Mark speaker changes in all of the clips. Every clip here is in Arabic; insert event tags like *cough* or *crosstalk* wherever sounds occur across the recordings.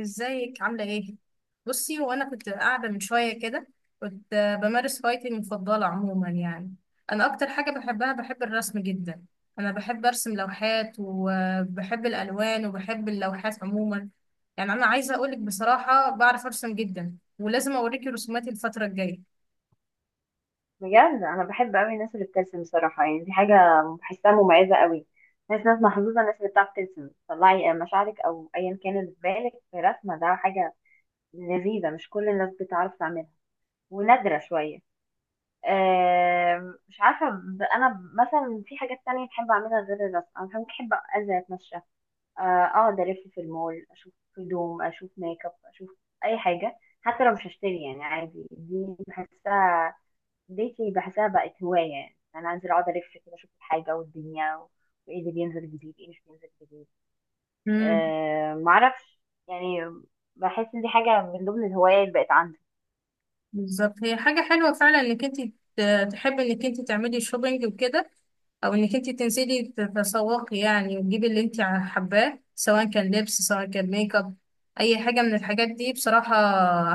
Speaker 1: ازيك، عاملة ايه؟ بصي، وانا كنت قاعدة من شوية كده كنت بمارس هوايتي المفضلة عموما يعني. انا اكتر حاجة بحبها بحب الرسم جدا. انا بحب ارسم لوحات وبحب الالوان وبحب اللوحات عموما. يعني انا عايزة اقولك بصراحة، بعرف ارسم جدا ولازم اوريكي رسوماتي الفترة الجاية.
Speaker 2: بجد انا بحب قوي الناس اللي بترسم بصراحه، يعني دي حاجه بحسها مميزه قوي. ناس محظوظه الناس اللي بتعرف ترسم تطلعي مشاعرك او ايا كان اللي في بالك في رسمه، ده حاجه لذيذه مش كل الناس بتعرف تعملها، ونادره شويه. مش عارفه، انا مثلا في حاجات تانية بحب اعملها غير الرسم. انا بحب انزل اتمشى، آه، اقعد الف في المول، اشوف هدوم، اشوف ميك اب، اشوف اي حاجه حتى لو مش هشتري، يعني عادي. دي بحسها ديتي بحسها بقت هواية، يعني أنا أنزل أقعد ألف كده أشوف الحاجة والدنيا وإيه اللي بينزل جديد، إيه مش بينزل جديد.
Speaker 1: امم
Speaker 2: معرفش يعني، بحس إن دي حاجة من ضمن الهوايات اللي بقت عندي.
Speaker 1: بالظبط، هي حاجة حلوة فعلا انك انت تحبي انك انت تعملي شوبينج وكده، او انك انت تنزلي تتسوقي يعني وتجيبي اللي انت حباه، سواء كان لبس سواء كان ميك اب. اي حاجه من الحاجات دي بصراحه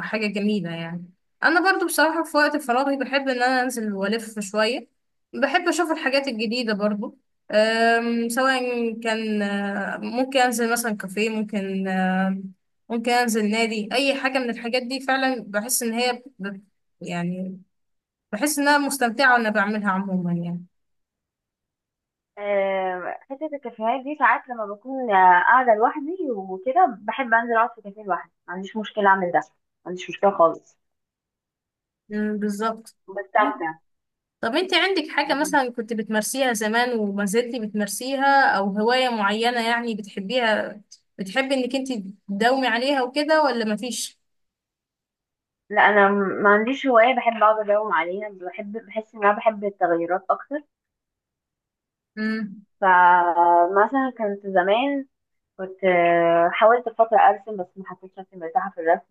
Speaker 1: حاجه جميله يعني. انا برضو بصراحه في وقت فراغي بحب ان انا انزل والف شويه. بحب اشوف الحاجات الجديده برضو. سواء كان ممكن انزل مثلا كافيه، ممكن انزل نادي. اي حاجه من الحاجات دي فعلا بحس ان هي يعني بحس ان انا مستمتعه وانا بعملها عموما يعني.
Speaker 2: حتة الكافيهات دي ساعات لما بكون قاعدة لوحدي وكده، بحب أنزل أقعد في كافيه لوحدي، ما عنديش مشكلة أعمل ده، ما عنديش مشكلة خالص،
Speaker 1: مم، بالظبط.
Speaker 2: بستمتع.
Speaker 1: طب انت عندك حاجة مثلا كنت بتمارسيها زمان وما زلتي بتمارسيها او هواية معينة يعني بتحبيها، بتحبي انك انت تداومي عليها وكده ولا مفيش؟
Speaker 2: لا، أنا ما عنديش هواية بحب أقعد أداوم عليها، بحس إن أنا بحب التغيرات أكتر.
Speaker 1: امم
Speaker 2: فمثلا كانت زمان، كنت حاولت في فترة أرسم بس ما حسيتش نفسي مرتاحة في الرسم.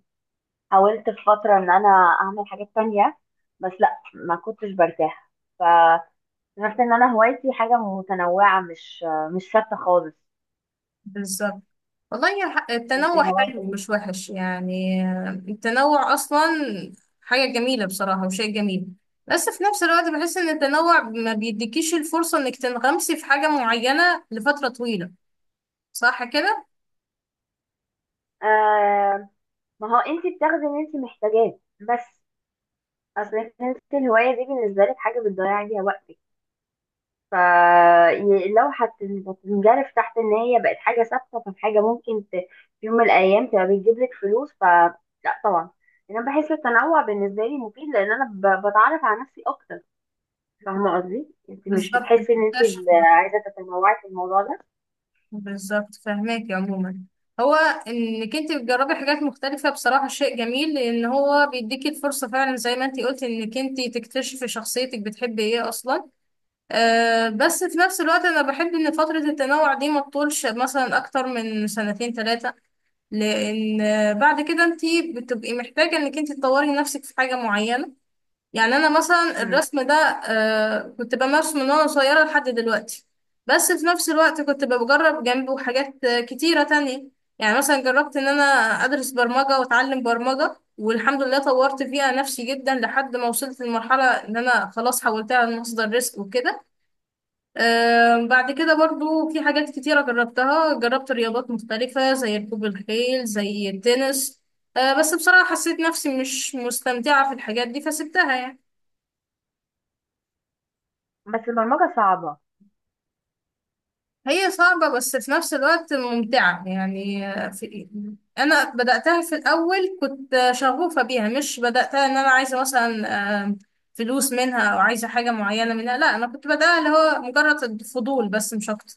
Speaker 2: حاولت في فترة إن أنا أعمل حاجات تانية بس لأ، ما كنتش برتاح. فعرفت إن أنا هوايتي حاجة متنوعة، مش مش ثابتة خالص.
Speaker 1: بالظبط. والله
Speaker 2: أنت
Speaker 1: التنوع حلو
Speaker 2: هوايتك.
Speaker 1: مش وحش يعني. التنوع اصلا حاجة جميلة بصراحة وشيء جميل. بس في نفس الوقت بحس ان التنوع ما بيديكيش الفرصة انك تنغمسي في حاجة معينة لفترة طويلة. صح كده؟
Speaker 2: آه، ما هو أنت بتاخدي اللي أنت محتاجاه بس. أصل أنت الهواية دي بالنسبة لك حاجة بتضيع بيها وقتك. فلو هتنجرف تحت ان هي بقت حاجه ثابته، فحاجه ممكن في يوم من الايام تبقى بتجيب لك فلوس، فلا. طبعا انا بحس التنوع بالنسبه لي مفيد، لان انا بتعرف على نفسي اكتر. فاهمه قصدي؟ انت مش
Speaker 1: بالظبط
Speaker 2: بتحسي ان انت
Speaker 1: بتكتشفي.
Speaker 2: عايزه تتنوعي في الموضوع ده؟
Speaker 1: بالظبط فهماكي عموما، هو انك انت بتجربي حاجات مختلفة بصراحة شيء جميل، لان هو بيديكي الفرصة فعلا زي ما انت قلتي انك انت تكتشفي شخصيتك بتحبي ايه اصلا. بس في نفس الوقت انا بحب ان فترة التنوع دي ما تطولش مثلا اكتر من سنتين ثلاثة، لان بعد كده انت بتبقي محتاجة انك انت تطوري نفسك في حاجة معينة. يعني انا مثلا
Speaker 2: مم.
Speaker 1: الرسم ده كنت بمارسه من وانا صغيره لحد دلوقتي، بس في نفس الوقت كنت بجرب جنبه حاجات كتيره تانية. يعني مثلا جربت ان انا ادرس برمجه واتعلم برمجه، والحمد لله طورت فيها نفسي جدا لحد ما وصلت لمرحله ان انا خلاص حولتها لمصدر رزق وكده. بعد كده برضو في حاجات كتيره جربتها، جربت رياضات مختلفه زي ركوب الخيل زي التنس. بس بصراحه حسيت نفسي مش مستمتعه في الحاجات دي فسبتها يعني.
Speaker 2: بس البرمجة صعبة.
Speaker 1: هي صعبة بس في نفس الوقت ممتعة يعني. في أنا بدأتها في الأول كنت شغوفة بيها، مش بدأتها إن أنا عايزة مثلا آم، فلوس منها أو عايزة حاجة معينة منها، لا أنا كنت بدأها اللي هو مجرد الفضول بس مش أكتر.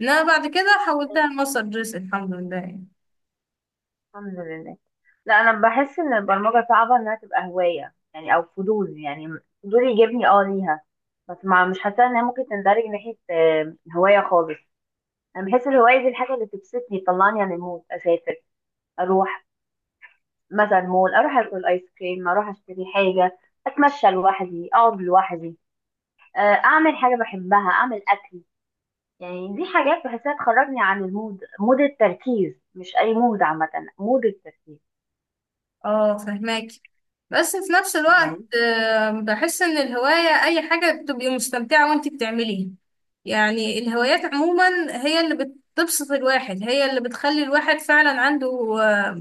Speaker 1: إنما بعد كده حولتها لمصدر رزق، الحمد لله.
Speaker 2: الحمد لله. لا، أنا بحس إن البرمجة صعبة إنها تبقى هواية يعني، أو فضول يعني، فضول يجيبني ليها. بس ما مش حاسة إنها ممكن تندرج ناحية هواية خالص. انا بحس الهوايه دي الحاجه اللي بتبسطني تطلعني عن المود، اسافر، اروح مثلا مول، اروح اكل ايس كريم، اروح اشتري حاجه، اتمشى لوحدي، اقعد لوحدي، اعمل حاجه بحبها، اعمل اكل. يعني دي حاجات بحسها تخرجني عن المود، مود التركيز مش اي مود عامه، مود التركيز.
Speaker 1: اه، فهماكي. بس في نفس الوقت
Speaker 2: تمام.
Speaker 1: بحس ان الهواية اي حاجة بتبقي مستمتعة وانت بتعمليها. يعني الهوايات عموما هي اللي بتبسط الواحد، هي اللي بتخلي الواحد فعلا عنده آه،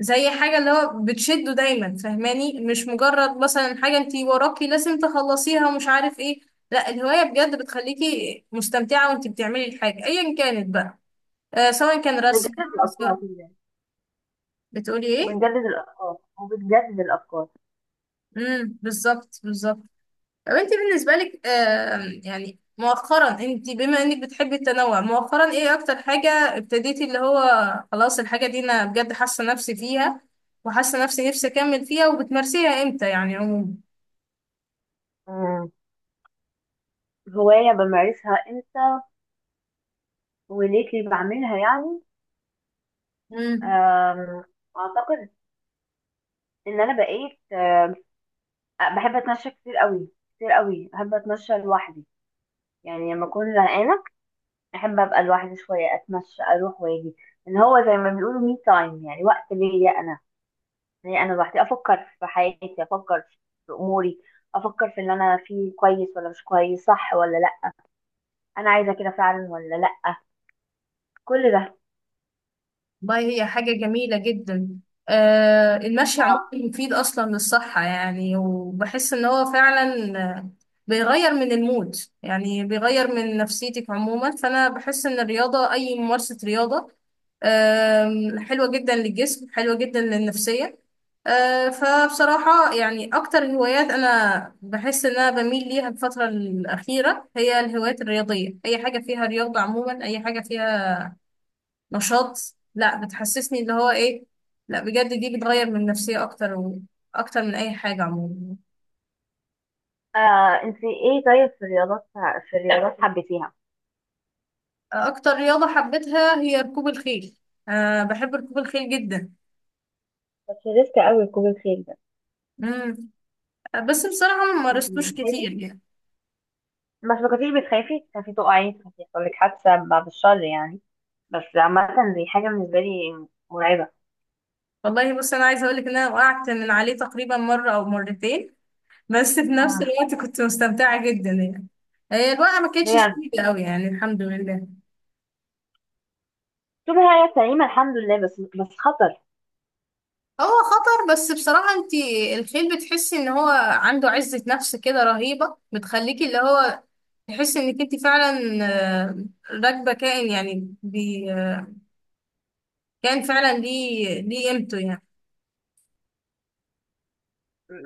Speaker 1: زي حاجة اللي هو بتشده دايما فهماني، مش مجرد مثلا حاجة انت وراكي لازم تخلصيها ومش عارف ايه. لا الهواية بجد بتخليكي مستمتعة وانت بتعملي الحاجة ايا كانت بقى. سواء كان رسم
Speaker 2: بنجدد الافكار
Speaker 1: سواء-
Speaker 2: كده يعني،
Speaker 1: بتقولي ايه؟
Speaker 2: وبنجدد الافكار وبتجدد الافكار.
Speaker 1: بالظبط بالظبط. طب انت بالنسبة لك يعني مؤخرا، انت بما انك بتحبي التنوع مؤخرا ايه اكتر حاجة ابتديتي اللي هو خلاص الحاجة دي انا بجد حاسة نفسي فيها، وحاسة نفسي اكمل فيها وبتمارسيها امتى يعني عموما؟
Speaker 2: مم. هوايه بمارسها امتى وليه اللي بعملها يعني؟ آم، اعتقد ان انا بقيت بحب اتمشى كتير قوي، كتير قوي بحب اتمشى لوحدي. يعني لما اكون زهقانه، احب ابقى لوحدي شويه، اتمشى اروح واجي. ان هو زي ما بيقولوا مي تايم، يعني وقت ليا انا، لوحدي افكر في حياتي، افكر في اموري، افكر في اللي انا فيه كويس ولا مش كويس، صح ولا لا، انا عايزه كده فعلا ولا لا، كل ده.
Speaker 1: والله هي حاجة جميلة جدا. المشي عموما
Speaker 2: اه.
Speaker 1: مفيد أصلا للصحة يعني، وبحس إن هو فعلا بيغير من المود. يعني بيغير من نفسيتك عموما، فأنا بحس إن الرياضة أي ممارسة رياضة حلوة جدا للجسم حلوة جدا للنفسية. فبصراحة يعني أكتر هوايات أنا بحس إن أنا بميل ليها الفترة الأخيرة هي الهوايات الرياضية، أي حاجة فيها رياضة عموما أي حاجة فيها نشاط. لا بتحسسني اللي هو ايه، لا بجد دي بتغير من النفسية اكتر اكتر من اي حاجة عموما.
Speaker 2: آه. انت ايه طيب في الرياضات، حبيتيها؟
Speaker 1: اكتر رياضة حبيتها هي ركوب الخيل. بحب ركوب الخيل جدا.
Speaker 2: بس ريسك قوي ركوب الخيل ده.
Speaker 1: مم. بس بصراحة ما
Speaker 2: انت
Speaker 1: مارستوش
Speaker 2: بتخافي؟
Speaker 1: كتير يعني.
Speaker 2: بس ما كنتيش بتخافي تخافي تقعي، تخافي يحصل لك حادثة بعد الشر يعني؟ بس عامة دي حاجة بالنسبة لي مرعبة.
Speaker 1: والله بص انا عايزة اقولك ان انا وقعت من عليه تقريبا مرة او مرتين، بس في نفس
Speaker 2: آه،
Speaker 1: الوقت كنت مستمتعة جدا يعني. هي الوقعة ما كانتش
Speaker 2: بجد،
Speaker 1: شديدة قوي يعني الحمد لله.
Speaker 2: طول هي سليمة الحمد لله. بس خطر.
Speaker 1: هو خطر، بس بصراحة انت الخيل بتحسي ان هو عنده عزة نفس كده رهيبة بتخليكي اللي هو تحسي انك انت فعلا آه، راكبة كائن يعني، بي آه، كائن فعلا ليه ليه قيمته يعني.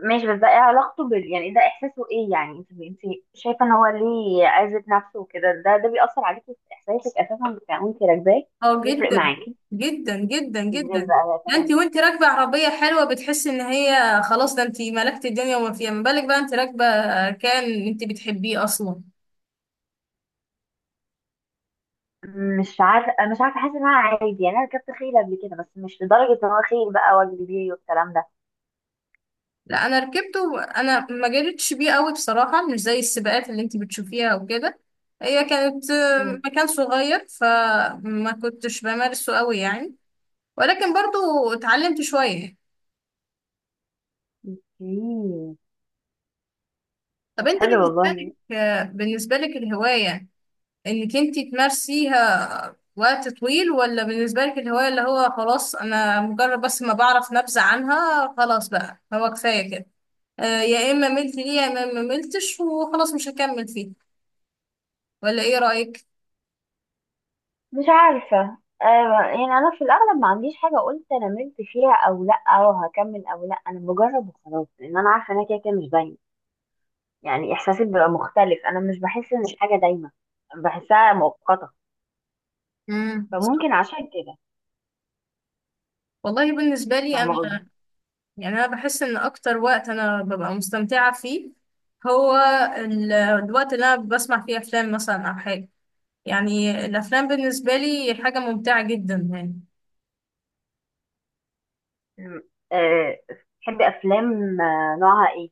Speaker 2: ماشي، بس ده ايه علاقته بال، يعني ده احساسه ايه؟ يعني انت شايفة ان هو ليه عزة نفسه وكده، ده بيأثر عليكي في احساسك اساسا بتاع وانت راكباه؟
Speaker 1: اه
Speaker 2: بيفرق
Speaker 1: جدا.
Speaker 2: معاكي؟
Speaker 1: جدا جدا
Speaker 2: ازاي
Speaker 1: جدا.
Speaker 2: بقى يا
Speaker 1: ده انت
Speaker 2: فندم؟
Speaker 1: وانت راكبة عربية حلوة بتحسي ان هي خلاص ده انت ملكت الدنيا وما فيها، ما بالك بقى انت راكبة كائن انت بتحبيه اصلا.
Speaker 2: مش عارفة، حاسة ان انا عادي يعني، انا ركبت خيل قبل كده بس مش لدرجة ان هو خيل بقى واجري بيه والكلام ده.
Speaker 1: لا انا ركبته، انا ما جريتش بيه قوي بصراحه، مش زي السباقات اللي انت بتشوفيها وكده. هي كانت مكان صغير فما كنتش بمارسه قوي يعني، ولكن برضو اتعلمت شويه.
Speaker 2: اوكي.
Speaker 1: طب
Speaker 2: طب
Speaker 1: انت
Speaker 2: حلو
Speaker 1: بالنسبه
Speaker 2: والله.
Speaker 1: لك آه، بالنسبه لك الهوايه انك انت تمارسيها وقت طويل، ولا بالنسبه لك الهوايه اللي هو خلاص انا مجرد بس ما بعرف نبذه عنها خلاص بقى هو كفايه كده؟ يا اما ملت ليه يا اما ما ملتش وخلاص مش هكمل فيه، ولا ايه رايك؟
Speaker 2: مش عارفة، آه، يعني أنا في الأغلب ما عنديش حاجة قلت أنا ملت فيها أو لأ أو هكمل أو لأ، أنا بجرب وخلاص، لأن أنا عارفة إنها كده كده مش دايما. يعني إحساسي بيبقى مختلف، أنا مش بحس إن الحاجة دايما، بحسها مؤقتة،
Speaker 1: مم.
Speaker 2: فممكن عشان كده.
Speaker 1: والله بالنسبة لي
Speaker 2: فاهمة قصدي؟
Speaker 1: أنا يعني أنا بحس إن أكتر وقت أنا ببقى مستمتعة فيه هو الوقت اللي أنا بسمع فيه أفلام مثلا أو حاجة. يعني الأفلام بالنسبة لي حاجة ممتعة جدا يعني.
Speaker 2: مم. أه، بتحبي أفلام؟ نوعها إيه؟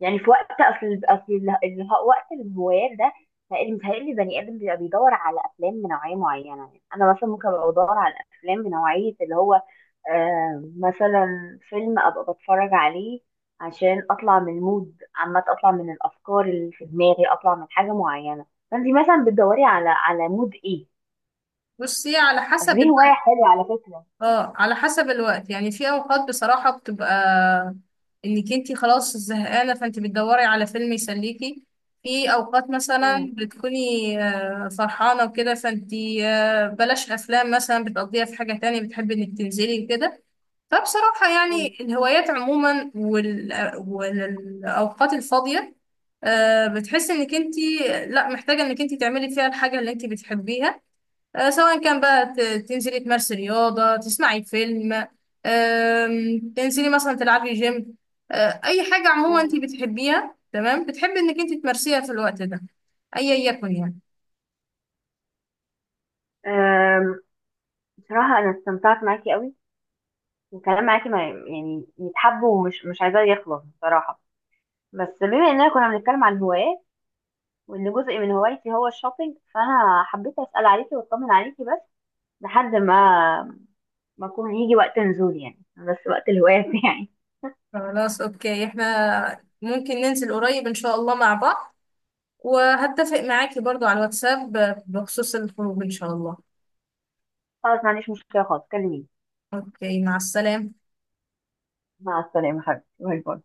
Speaker 2: يعني في وقت، اصل وقت الهوايات ده، متهيألي البني ادم بيبقى بيدور على افلام بنوعيه معينه. يعني انا مثلا ممكن ابقى بدور على افلام بنوعيه اللي هو مثلا فيلم ابقى بتفرج عليه عشان اطلع من المود عامه، اطلع من الافكار اللي في دماغي، اطلع من حاجه معينه. فانت مثلا بتدوري على مود ايه؟
Speaker 1: بصي، على
Speaker 2: بس
Speaker 1: حسب
Speaker 2: دي هوايه حلوه على فكره.
Speaker 1: اه على حسب الوقت يعني. في اوقات بصراحة بتبقى انك انتي خلاص زهقانة فانتي بتدوري على فيلم يسليكي. في اوقات مثلا
Speaker 2: مم.
Speaker 1: بتكوني فرحانة وكده فانتي بلاش افلام مثلا بتقضيها في حاجة تانية بتحبي انك تنزلي وكده. فبصراحة يعني
Speaker 2: مم.
Speaker 1: الهوايات عموما والاوقات الفاضية بتحسي انك انتي لا محتاجة انك انتي تعملي فيها الحاجة اللي انتي بتحبيها. سواء كان بقى تنزلي تمارسي رياضة تسمعي فيلم، تنزلي مثلا تلعبي جيم، أي حاجة عموما أنت
Speaker 2: مم.
Speaker 1: بتحبيها تمام بتحبي إنك أنت تمارسيها في الوقت ده أيا يكن يعني.
Speaker 2: آم، بصراحه انا استمتعت معاكي قوي، الكلام معاكي ما يعني يتحب، ومش مش عايزاه يخلص بصراحة. بس بما اننا كنا بنتكلم عن هوايات، وان جزء من هوايتي هو الشوبينج، فانا حبيت اسأل عليكي واطمن عليكي بس، لحد ما اكون يجي وقت نزول، يعني بس وقت الهوايات *laughs* يعني.
Speaker 1: خلاص أوكي، إحنا ممكن ننزل قريب إن شاء الله مع بعض، وهتفق معاكي برضو على الواتساب بخصوص الخروج إن شاء الله.
Speaker 2: خلاص، ما عنديش مشكلة خالص، كلميني.
Speaker 1: أوكي، مع السلامة.
Speaker 2: مع السلامة حبيبتي، باي باي.